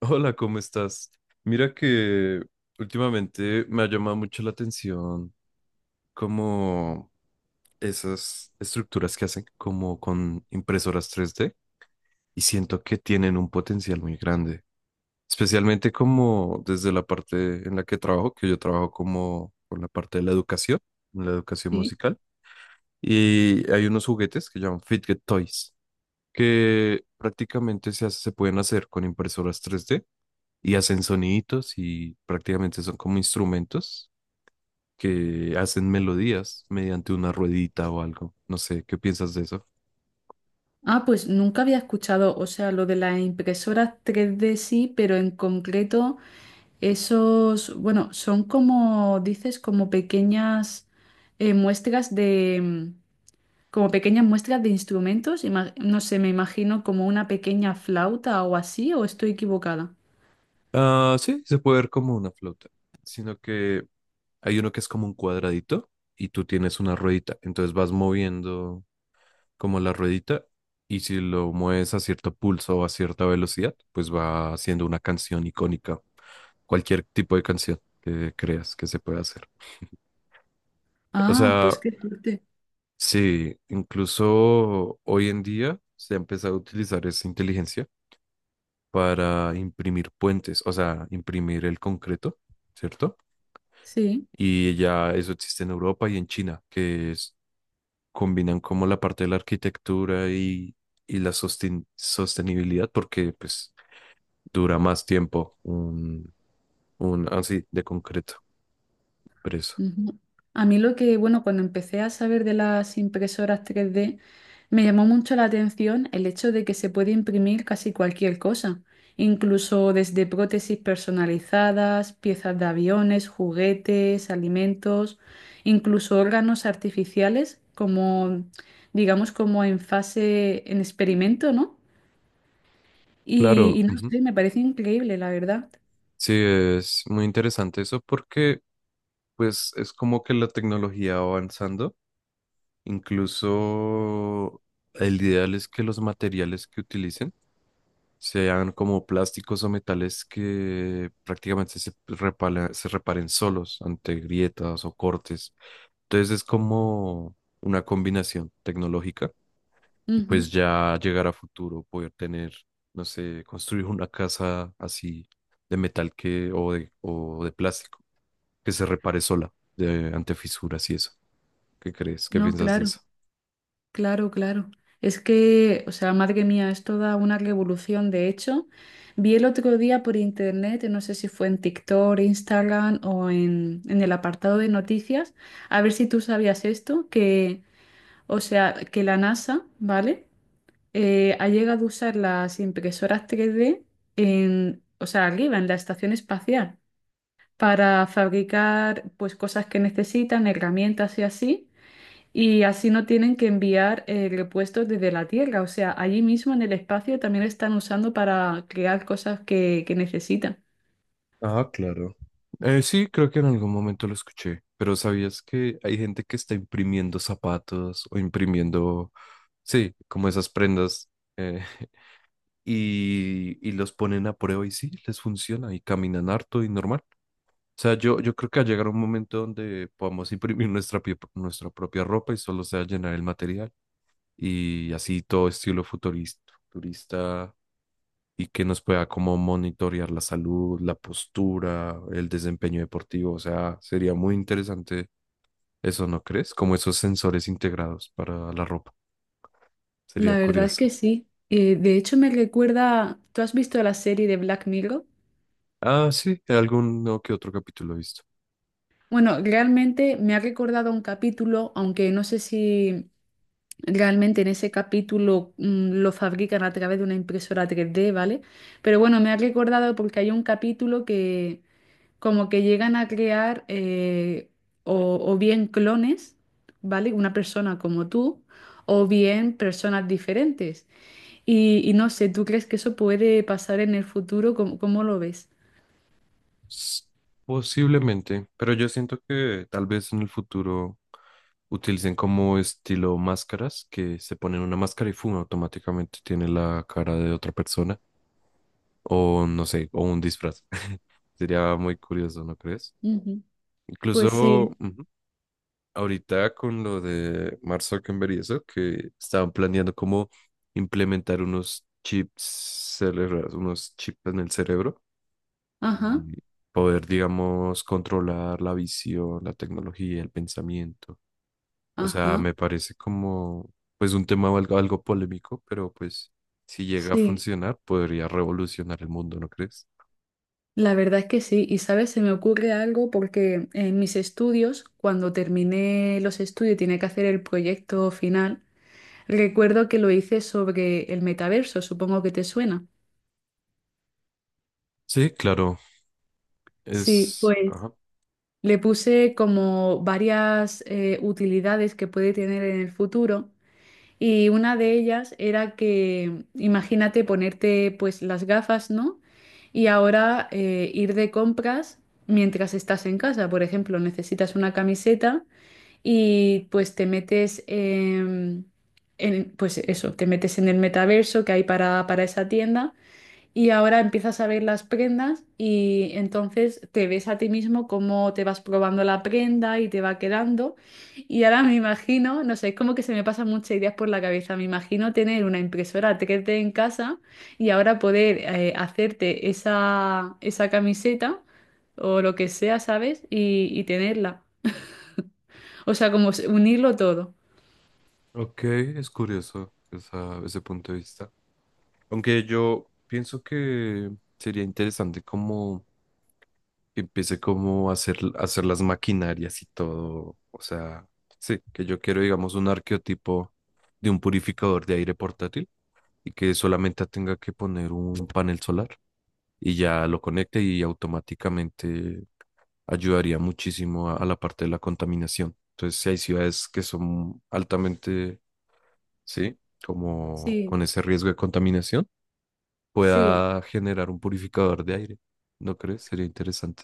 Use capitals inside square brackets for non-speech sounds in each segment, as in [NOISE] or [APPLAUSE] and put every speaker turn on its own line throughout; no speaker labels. Hola, ¿cómo estás? Mira que últimamente me ha llamado mucho la atención, como esas estructuras que hacen como con impresoras 3D, y siento que tienen un potencial muy grande, especialmente como desde la parte en la que trabajo, que yo trabajo como con la parte de la educación, en la educación
Sí.
musical, y hay unos juguetes que llaman Fidget Toys, que prácticamente se pueden hacer con impresoras 3D y hacen soniditos y prácticamente son como instrumentos que hacen melodías mediante una ruedita o algo. No sé, ¿qué piensas de eso?
Ah, pues nunca había escuchado, o sea, lo de las impresoras tres d sí, pero en concreto esos, bueno, son como, dices, como pequeñas muestras de, como pequeñas muestras de instrumentos, no sé, me imagino como una pequeña flauta o así, ¿o estoy equivocada?
Ah, sí, se puede ver como una flauta, sino que hay uno que es como un cuadradito y tú tienes una ruedita, entonces vas moviendo como la ruedita, y si lo mueves a cierto pulso o a cierta velocidad, pues va haciendo una canción icónica, cualquier tipo de canción que creas que se pueda hacer. O
Ah,
sea,
pues qué fuerte.
sí, incluso hoy en día se ha empezado a utilizar esa inteligencia para imprimir puentes, o sea, imprimir el concreto, ¿cierto?
Sí.
Y ya eso existe en Europa y en China, combinan como la parte de la arquitectura y la sostenibilidad, porque pues dura más tiempo un así de concreto preso.
Ujú. A mí lo que, bueno, cuando empecé a saber de las impresoras tres d me llamó mucho la atención el hecho de que se puede imprimir casi cualquier cosa, incluso desde prótesis personalizadas, piezas de aviones, juguetes, alimentos, incluso órganos artificiales, como, digamos, como en fase, en experimento, ¿no? Y,
Claro,
y no
ujú.
sé, me parece increíble, la verdad.
Sí, es muy interesante eso porque pues es como que la tecnología va avanzando. Incluso el ideal es que los materiales que utilicen sean como plásticos o metales que prácticamente se reparen solos ante grietas o cortes. Entonces es como una combinación tecnológica, y
Ujú.
pues ya llegar a futuro, poder tener, no sé, construir una casa así de metal, que o de plástico, que se repare sola ante fisuras y eso. ¿Qué crees? ¿Qué
No,
piensas de
claro.
eso?
Claro, claro. Es que, o sea, madre mía, es toda una revolución. De hecho, vi el otro día por internet, no sé si fue en TikTok, Instagram o en el apartado de noticias, a ver si tú sabías esto, que, o sea, que la NASA, ¿vale? Ha llegado a usar las impresoras 3D en, o sea, arriba, en la estación espacial, para fabricar, pues, cosas que necesitan, herramientas y así. Y así no tienen que enviar repuestos desde la Tierra. O sea, allí mismo en el espacio también están usando para crear cosas que necesitan.
Ah, claro. Sí, creo que en algún momento lo escuché, pero ¿sabías que hay gente que está imprimiendo zapatos o imprimiendo, sí, como esas prendas eh, [LAUGHS] y los ponen a prueba y sí, les funciona y caminan harto y normal? O sea, yo creo que va a llegar un momento donde podamos [LAUGHS] imprimir nuestra propia ropa y solo sea llenar el material y así todo estilo futurista, futurista y que nos pueda como monitorear la salud, la postura, el desempeño deportivo. O sea, sería muy interesante eso, ¿no crees? Como esos sensores integrados para la ropa. Sería
La verdad es que
curioso.
sí. De hecho, me recuerda, ¿tú has visto la serie de Black Mirror?
Ah, sí, alguno que otro capítulo he visto.
Bueno, realmente me ha recordado a un capítulo, aunque no sé si. Realmente en ese capítulo lo fabrican a través de una impresora tres d, ¿vale? Pero bueno, me ha recordado porque hay un capítulo que como que llegan a crear o bien clones, ¿vale? Una persona como tú, o bien personas diferentes. Y no sé, ¿tú crees que eso puede pasar en el futuro? ¿Cómo, cómo lo ves?
S- Posiblemente, pero yo siento que tal vez en el futuro utilicen como estilo máscaras, que se ponen una máscara y fuma automáticamente tiene la cara de otra persona, o no sé, o un disfraz. [LAUGHS] Sería muy curioso, ¿no crees?
Ujú. Pues
Incluso
sí,
ujú, ahorita con lo de Mark Zuckerberg y eso, que estaban planeando cómo implementar unos chips cerebrales, unos chips en el cerebro,
ajá,
y poder, digamos, controlar la visión, la tecnología, el pensamiento. O sea,
ajá,
me parece como, pues, un tema algo, algo polémico, pero pues, si llega a
sí.
funcionar, podría revolucionar el mundo, ¿no crees?
La verdad es que sí, y sabes, se me ocurre algo porque en mis estudios, cuando terminé los estudios y tenía que hacer el proyecto final, recuerdo que lo hice sobre el metaverso, supongo que te suena.
Sí, claro,
Sí, pues
ajá.
le puse como varias utilidades que puede tener en el futuro y una de ellas era que, imagínate ponerte pues las gafas, ¿no? Y ahora ir de compras mientras estás en casa, por ejemplo, necesitas una camiseta. Y pues te metes en, pues eso, te metes en el metaverso que hay para esa tienda y ahora empiezas a ver las prendas y entonces te ves a ti mismo cómo te vas probando la prenda y te va quedando. Y ahora me imagino, no sé, es como que se me pasan muchas ideas por la cabeza. Me imagino tener una impresora 3D en casa y ahora poder hacerte esa, esa camiseta o lo que sea, ¿sabes? Y tenerla. O sea, como unirlo todo.
Ok, es curioso ese punto de vista. Aunque yo pienso que sería interesante como que empiece como a hacer las maquinarias y todo. O sea, sí, que yo quiero, digamos, un arqueotipo de un purificador de aire portátil, y que solamente tenga que poner un panel solar y ya lo conecte y automáticamente ayudaría muchísimo a la parte de la contaminación. Entonces, si hay ciudades que son altamente, sí, como
Sí,
con ese riesgo de contaminación,
sí,
pueda generar un purificador de aire. ¿No crees? Sería interesante.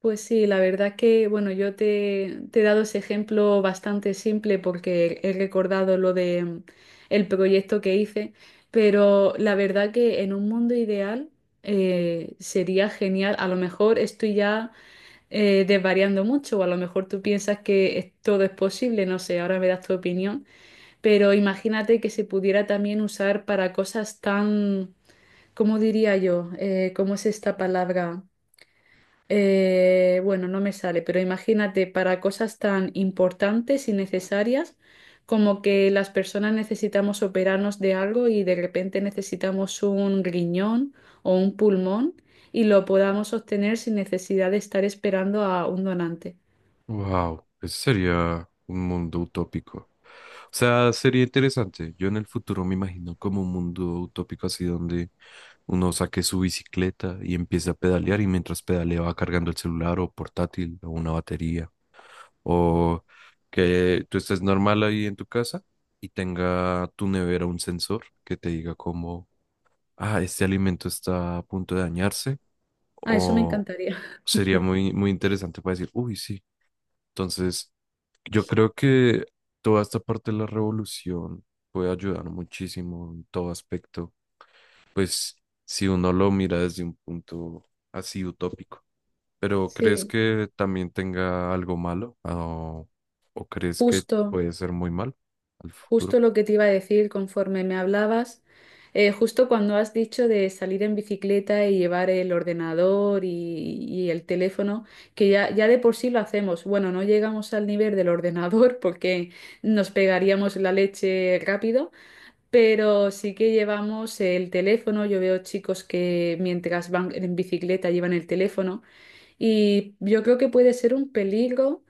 pues sí, la verdad que, bueno, yo te he dado ese ejemplo bastante simple porque he recordado lo de el proyecto que hice, pero la verdad que en un mundo ideal sería genial. A lo mejor estoy ya desvariando mucho, o a lo mejor tú piensas que todo es posible, no sé, ahora me das tu opinión, pero imagínate que se pudiera también usar para cosas tan, ¿cómo diría yo? ¿Cómo es esta palabra? Bueno, no me sale, pero imagínate para cosas tan importantes y necesarias como que las personas necesitamos operarnos de algo y de repente necesitamos un riñón o un pulmón y lo podamos obtener sin necesidad de estar esperando a un donante.
Wow, ese sería un mundo utópico. O sea, sería interesante. Yo en el futuro me imagino como un mundo utópico así donde uno saque su bicicleta y empiece a pedalear, y mientras pedalea va cargando el celular o portátil o una batería. O que tú estés normal ahí en tu casa y tenga tu nevera un sensor que te diga como, ah, este alimento está a punto de dañarse,
Ah, eso me
o
encantaría. [LAUGHS]
sería muy, muy interesante para decir, uy, sí. Entonces, yo creo que toda esta parte de la revolución puede ayudar muchísimo en todo aspecto, pues si uno lo mira desde un punto así utópico. Pero ¿crees
Sí,
que también tenga algo malo? O crees que
justo.
puede ser muy mal al
Justo
futuro?
lo que te iba a decir conforme me hablabas, justo cuando has dicho de salir en bicicleta y llevar el ordenador y el teléfono, que ya, ya de por sí lo hacemos. Bueno, no llegamos al nivel del ordenador [LAUGHS] porque nos pegaríamos la leche rápido, pero sí que llevamos el teléfono. Yo veo chicos que mientras van en bicicleta llevan el teléfono y yo creo que puede ser un peligro.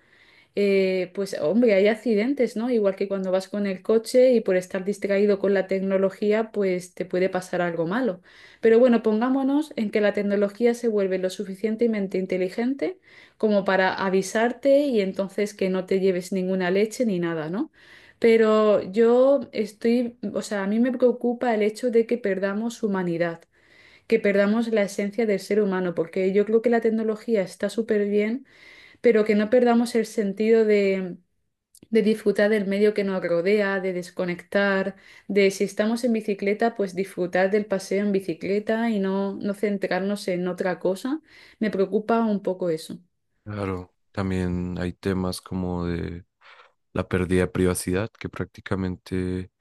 Pues hombre, hay accidentes, ¿no? Igual que cuando vas con el coche y por estar distraído con la tecnología, pues te puede pasar algo malo. Pero bueno, pongámonos en que la tecnología se vuelve lo suficientemente inteligente como para avisarte y entonces que no te lleves ninguna leche ni nada, ¿no? Pero yo estoy, o sea, a mí me preocupa el hecho de que perdamos humanidad, que perdamos la esencia del ser humano, porque yo creo que la tecnología está súper bien pero que no perdamos el sentido de disfrutar del medio que nos rodea, de desconectar, de si estamos en bicicleta, pues disfrutar del paseo en bicicleta y no, no centrarnos en otra cosa. Me preocupa un poco eso.
Claro, también hay temas como de la pérdida de privacidad, que prácticamente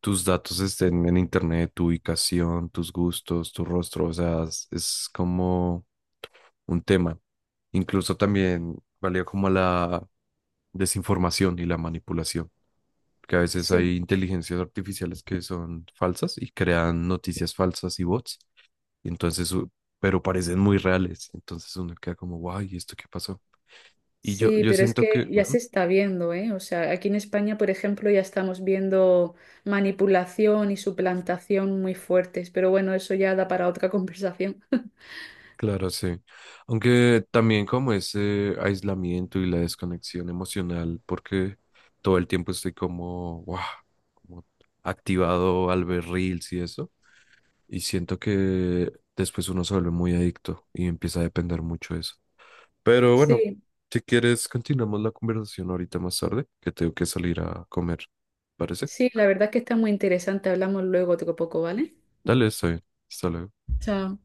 tus datos estén en internet, tu ubicación, tus gustos, tu rostro, o sea, es como un tema. Incluso también valía como la desinformación y la manipulación, que a veces
Sí,
hay inteligencias artificiales que son falsas y crean noticias falsas y bots, entonces, pero parecen muy reales, entonces uno queda como, guay, ¿esto qué pasó? Y yo,
sí,
yo
pero es
siento
que
que,
ya se
ujú.
está viendo, ¿eh? O sea, aquí en España, por ejemplo, ya estamos viendo manipulación y suplantación muy fuertes, pero bueno, eso ya da para otra [LAUGHS] conversación.
Claro, sí. Aunque también como ese aislamiento y la desconexión emocional, porque todo el tiempo estoy como, wow, como activado al ver reels y eso, y siento que después uno se vuelve muy adicto y empieza a depender mucho de eso. Pero bueno,
Sí,
si quieres, continuamos la conversación ahorita más tarde, que tengo que salir a comer. ¿Parece?
sí, la verdad que está muy interesante. Hablamos luego otro poco, ¿vale?
Dale, está bien. Hasta luego.
Chao.